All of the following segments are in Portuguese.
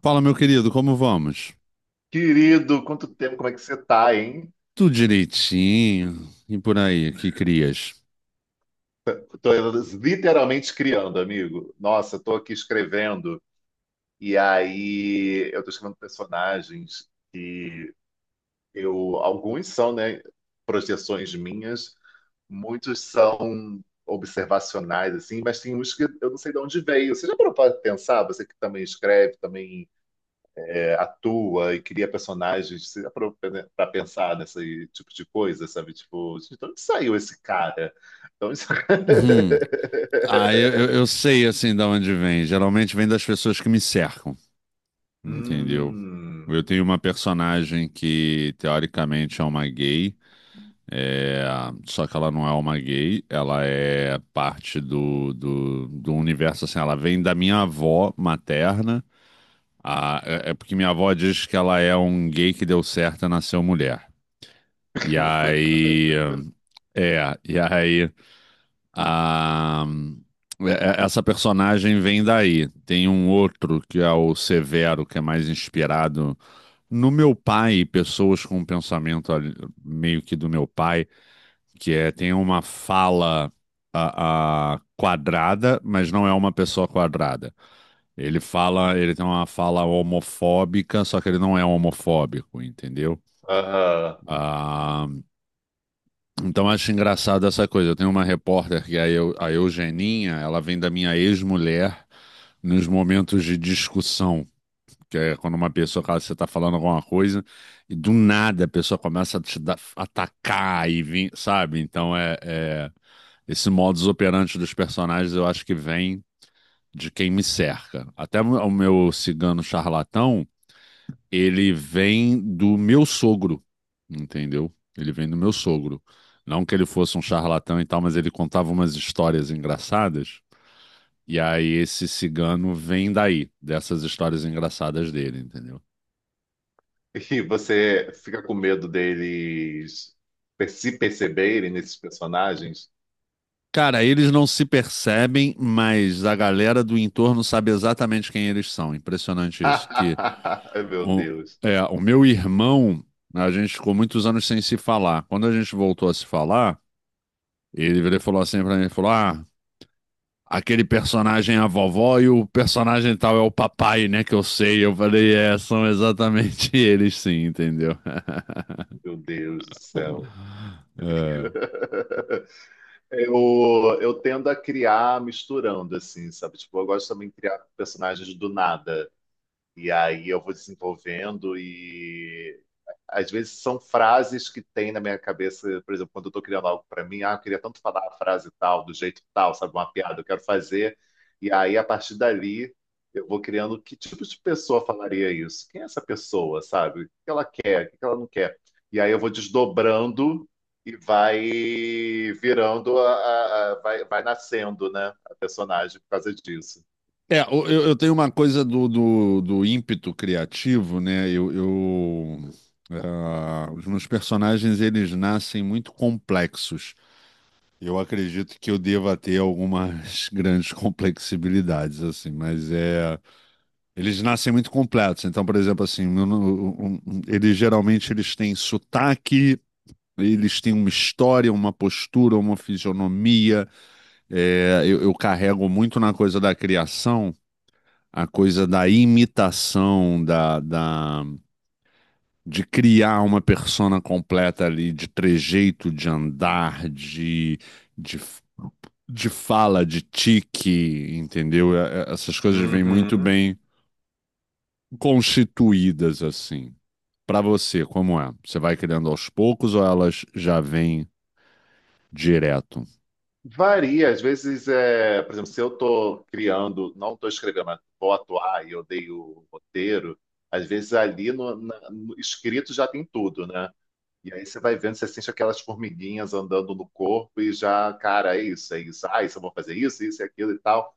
Fala, meu querido, como vamos? Querido, quanto tempo, como é que você tá, hein? Tudo direitinho e por aí, que crias? Tô literalmente criando, amigo. Nossa, tô aqui escrevendo e aí eu tô escrevendo personagens que eu, alguns são, né, projeções minhas, muitos são observacionais assim, mas tem uns que eu não sei de onde veio. Você já parou para pensar, você que também escreve, também atua e cria personagens para pensar nesse tipo de coisa, sabe? Tipo, gente, de onde saiu esse cara? Então onde Uhum. Eu sei assim de onde vem. Geralmente vem das pessoas que me cercam, entendeu? Eu Hum. tenho uma personagem que teoricamente é uma gay, é, só que ela não é uma gay, ela é parte do universo, assim, ela vem da minha avó materna. Ah, é porque minha avó diz que ela é um gay que deu certo e nasceu mulher. E aí. É, e aí. A, Essa personagem vem daí. Tem um outro que é o Severo, que é mais inspirado no meu pai, pessoas com um meio que do meu pai, que é, tem uma fala. A quadrada, mas não é uma pessoa quadrada. Ele fala, ele tem uma fala homofóbica, só que ele não é homofóbico, entendeu? Aham. Ah, Então acho engraçado essa coisa. Eu tenho uma repórter que é a a Eugeninha, ela vem da minha ex-mulher nos momentos de discussão, que é quando uma pessoa, cara, você tá falando alguma coisa e do nada a pessoa começa a atacar e vir, sabe? Então esse modus operandi dos personagens eu acho que vem de quem me cerca. Até o meu cigano charlatão ele vem do meu sogro, entendeu? Ele vem do meu sogro. Não que ele fosse um charlatão e tal, mas ele contava umas histórias engraçadas. E aí esse cigano vem daí, dessas histórias engraçadas dele, entendeu? E você fica com medo deles se perceberem nesses personagens? Cara, eles não se percebem, mas a galera do entorno sabe exatamente quem eles são. Impressionante isso. Ai, O meu irmão, a gente ficou muitos anos sem se falar. Quando a gente voltou a se falar, ele virou e falou assim pra mim, ele falou, ah, aquele personagem é a vovó e o personagem tal é o papai, né? Que eu sei. Eu falei, é, são exatamente eles, sim, entendeu? meu Deus do céu. é. Eu tendo a criar misturando, assim, sabe? Tipo, eu gosto também de criar personagens do nada. E aí eu vou desenvolvendo e às vezes são frases que tem na minha cabeça, por exemplo, quando eu estou criando algo para mim, ah, eu queria tanto falar a frase tal, do jeito tal, sabe, uma piada, eu quero fazer. E aí a partir dali eu vou criando que tipo de pessoa falaria isso? Quem é essa pessoa, sabe? O que ela quer, o que ela não quer? E aí eu vou desdobrando e vai virando, vai, vai nascendo, né, a personagem por causa disso. Eu tenho uma coisa do ímpeto criativo, né? Os meus personagens, eles nascem muito complexos. Eu acredito que eu deva ter algumas grandes complexibilidades, assim, mas é... Eles nascem muito completos. Então, por exemplo, assim, eu não- um- um- eles geralmente eles têm sotaque, eles têm uma história, uma postura, uma fisionomia. É, eu carrego muito na coisa da criação, a coisa da imitação, de criar uma persona completa ali, de trejeito, de andar, de, de de fala, de tique, entendeu? Essas coisas vêm muito Uhum. bem constituídas assim. Para você, como é? Você vai criando aos poucos ou elas já vêm direto? Varia, às vezes, é, por exemplo, se eu estou criando, não estou escrevendo, mas vou atuar e eu dei o roteiro, às vezes ali no escrito já tem tudo, né? E aí você vai vendo, você sente aquelas formiguinhas andando no corpo e já, cara, é isso, ah, isso eu vou fazer isso, isso e aquilo e tal.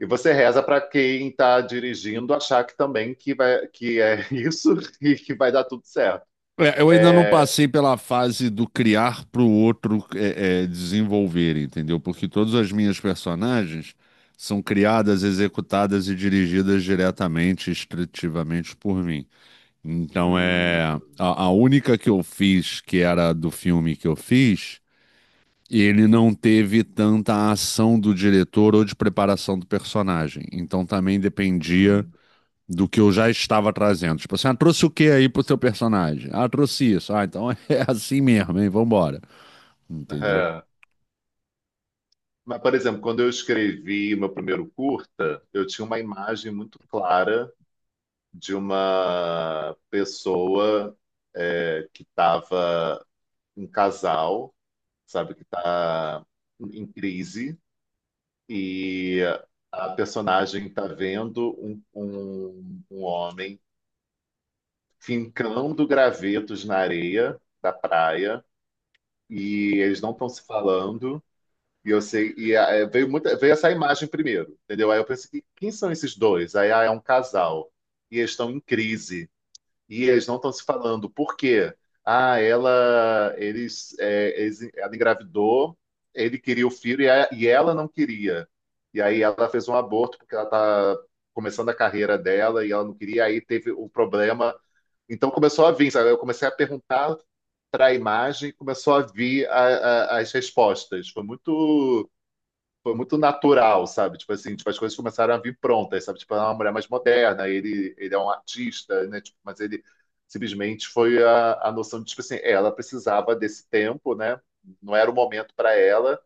E você reza para quem está dirigindo achar que também que vai, que é isso e que vai dar tudo certo. É, eu ainda não É, passei pela fase do criar para o outro desenvolver, entendeu? Porque todas as minhas personagens são criadas, executadas e dirigidas diretamente, estritivamente por mim. Então hum, é hum, a única que eu fiz, que era do filme que eu fiz, ele não teve tanta ação do diretor ou de preparação do personagem. Então também dependia hum, do que eu já estava trazendo. Tipo assim, ah, trouxe o que aí pro seu personagem? Ah, trouxe isso. Ah, então é assim mesmo, hein? Vambora. Entendeu? aham. Mas, por exemplo, quando eu escrevi o meu primeiro curta, eu tinha uma imagem muito clara de uma pessoa que estava um casal, sabe, que está em crise e a personagem está vendo um homem fincando gravetos na areia da praia e eles não estão se falando. E eu sei, e ah, é, veio muita, veio essa imagem primeiro, entendeu? Aí eu pensei, quem são esses dois? Aí ah, é um casal, e eles estão em crise, e eles não estão se falando. Por quê? Ah, ela, eles, é, ela engravidou, ele queria o filho e ela não queria. E aí ela fez um aborto porque ela tá começando a carreira dela e ela não queria, aí teve o problema. Então começou a vir, sabe? Eu comecei a perguntar para a imagem, começou a vir as respostas. Foi muito natural, sabe? Tipo assim, tipo, as coisas começaram a vir prontas, sabe? Tipo, ela é uma mulher mais moderna, ele é um artista, né? Tipo, mas ele simplesmente foi a noção de, tipo assim, é, ela precisava desse tempo, né? Não era o momento para ela,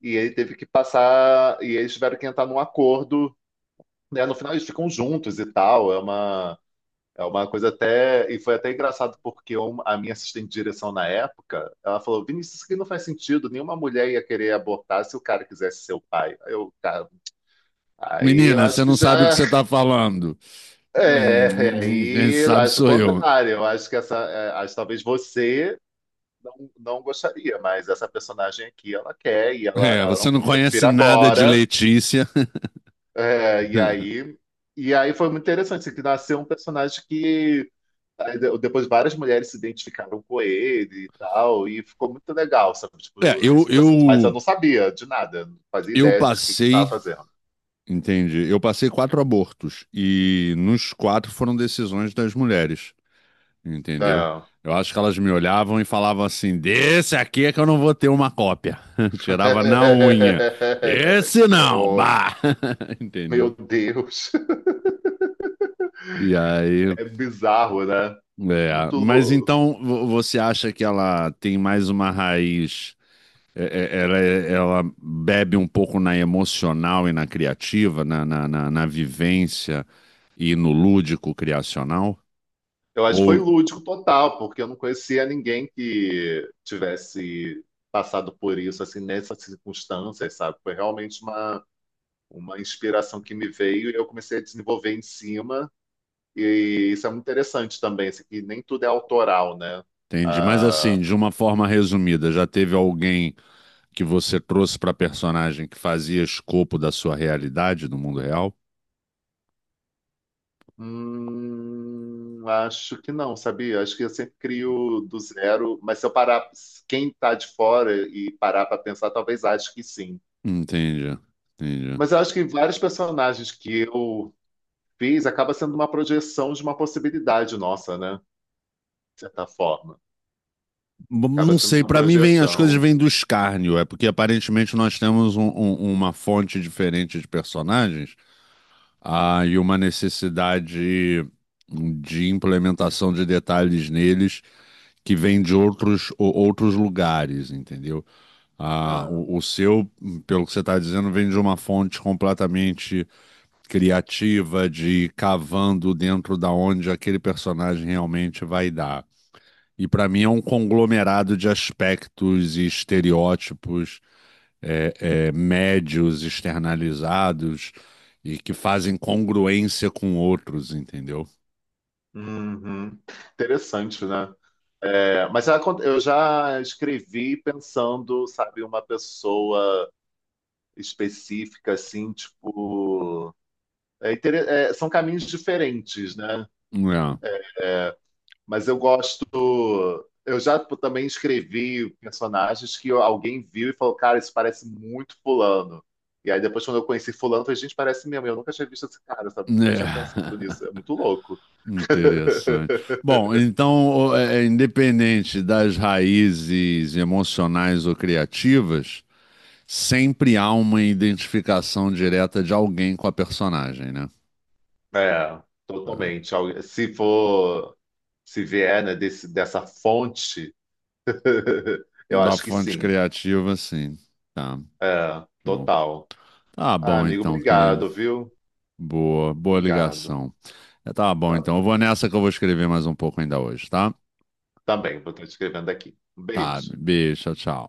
e ele teve que passar, e eles tiveram que entrar num acordo, né? No final eles ficam juntos e tal, é uma. É uma coisa até. E foi até engraçado, porque a minha assistente de direção na época, ela falou: Vinícius, isso aqui não faz sentido. Nenhuma mulher ia querer abortar se o cara quisesse ser o pai. Aí eu, cara, aí eu Menina, você acho que não já. sabe o que você tá falando. É, é, é, Quem aí eu sabe acho o sou eu. contrário. Eu acho que essa. É, acho que talvez você não, não gostaria, mas essa personagem aqui, ela quer É, ela não você não quer. Eu conhece prefiro nada de agora. Letícia. É, e aí. E aí foi muito interessante, assim, que nasceu um personagem que. Aí depois várias mulheres se identificaram com ele e tal, e ficou muito legal, sabe? É, Tipo, esse processo. Mas eu não sabia de nada, não fazia eu ideia de o que que eu tava passei, fazendo. entende? Eu passei quatro abortos e nos quatro foram decisões das mulheres. Entendeu? É. Eu acho que elas me olhavam e falavam assim: desse aqui é que eu não vou ter uma cópia. Tirava na unha. Esse Que não, horror. bah! Meu Entendeu? Deus, E aí, é bizarro, né? é. Muito. Mas então você acha que ela tem mais uma raiz? é- Ela, ela bebe um pouco na emocional e na criativa, na vivência e no lúdico criacional? Eu acho que foi Ou, lúdico total, porque eu não conhecia ninguém que tivesse passado por isso, assim, nessas circunstâncias, sabe? Foi realmente uma inspiração que me veio e eu comecei a desenvolver em cima. E isso é muito interessante também, assim, que nem tudo é autoral, né? entende? Mas assim, Ah, de uma forma resumida, já teve alguém que você trouxe para a personagem que fazia escopo da sua realidade no mundo real? hum, acho que não, sabia? Acho que eu sempre crio do zero, mas se eu parar, quem tá de fora e parar para pensar, talvez ache que sim. Entendi, entendi. Mas eu acho que vários personagens que eu fiz acaba sendo uma projeção de uma possibilidade nossa, né? De certa forma. Acaba Não sendo sei, uma para mim vem, as coisas projeção. vêm do escárnio, é porque aparentemente nós temos uma fonte diferente de personagens, ah, e uma necessidade de implementação de detalhes neles que vem de outros, outros lugares, entendeu? Ah, Ah, o seu, pelo que você está dizendo, vem de uma fonte completamente criativa de ir cavando dentro da onde aquele personagem realmente vai dar. E para mim é um conglomerado de aspectos e estereótipos médios externalizados e que fazem congruência com outros, entendeu? uhum. Interessante, né? É, mas já eu já escrevi pensando, sabe, uma pessoa específica, assim, tipo. É é, são caminhos diferentes, né? É. Mas eu gosto. Eu já pô, também escrevi personagens que alguém viu e falou, cara, isso parece muito fulano. E aí depois, quando eu conheci fulano, eu falei, gente, parece mesmo. Eu nunca tinha visto esse cara, É. sabe? Nunca tinha pensado nisso. É muito louco. Interessante. Bom, então, independente das raízes emocionais ou criativas, sempre há uma identificação direta de alguém com a personagem, né? É, É. totalmente. Se for, se vier, né, dessa fonte, eu Da acho que fonte sim. criativa, sim. Tá. É, Show. total. Tá Ah, bom amigo, então, querido. obrigado, viu? Boa, boa Obrigado. ligação. É, tá bom Tá então. Eu bom. vou nessa que eu vou escrever mais um pouco ainda hoje, tá? Tá bem, vou estar escrevendo aqui. Um Tá, beijo. beijo, tchau, tchau.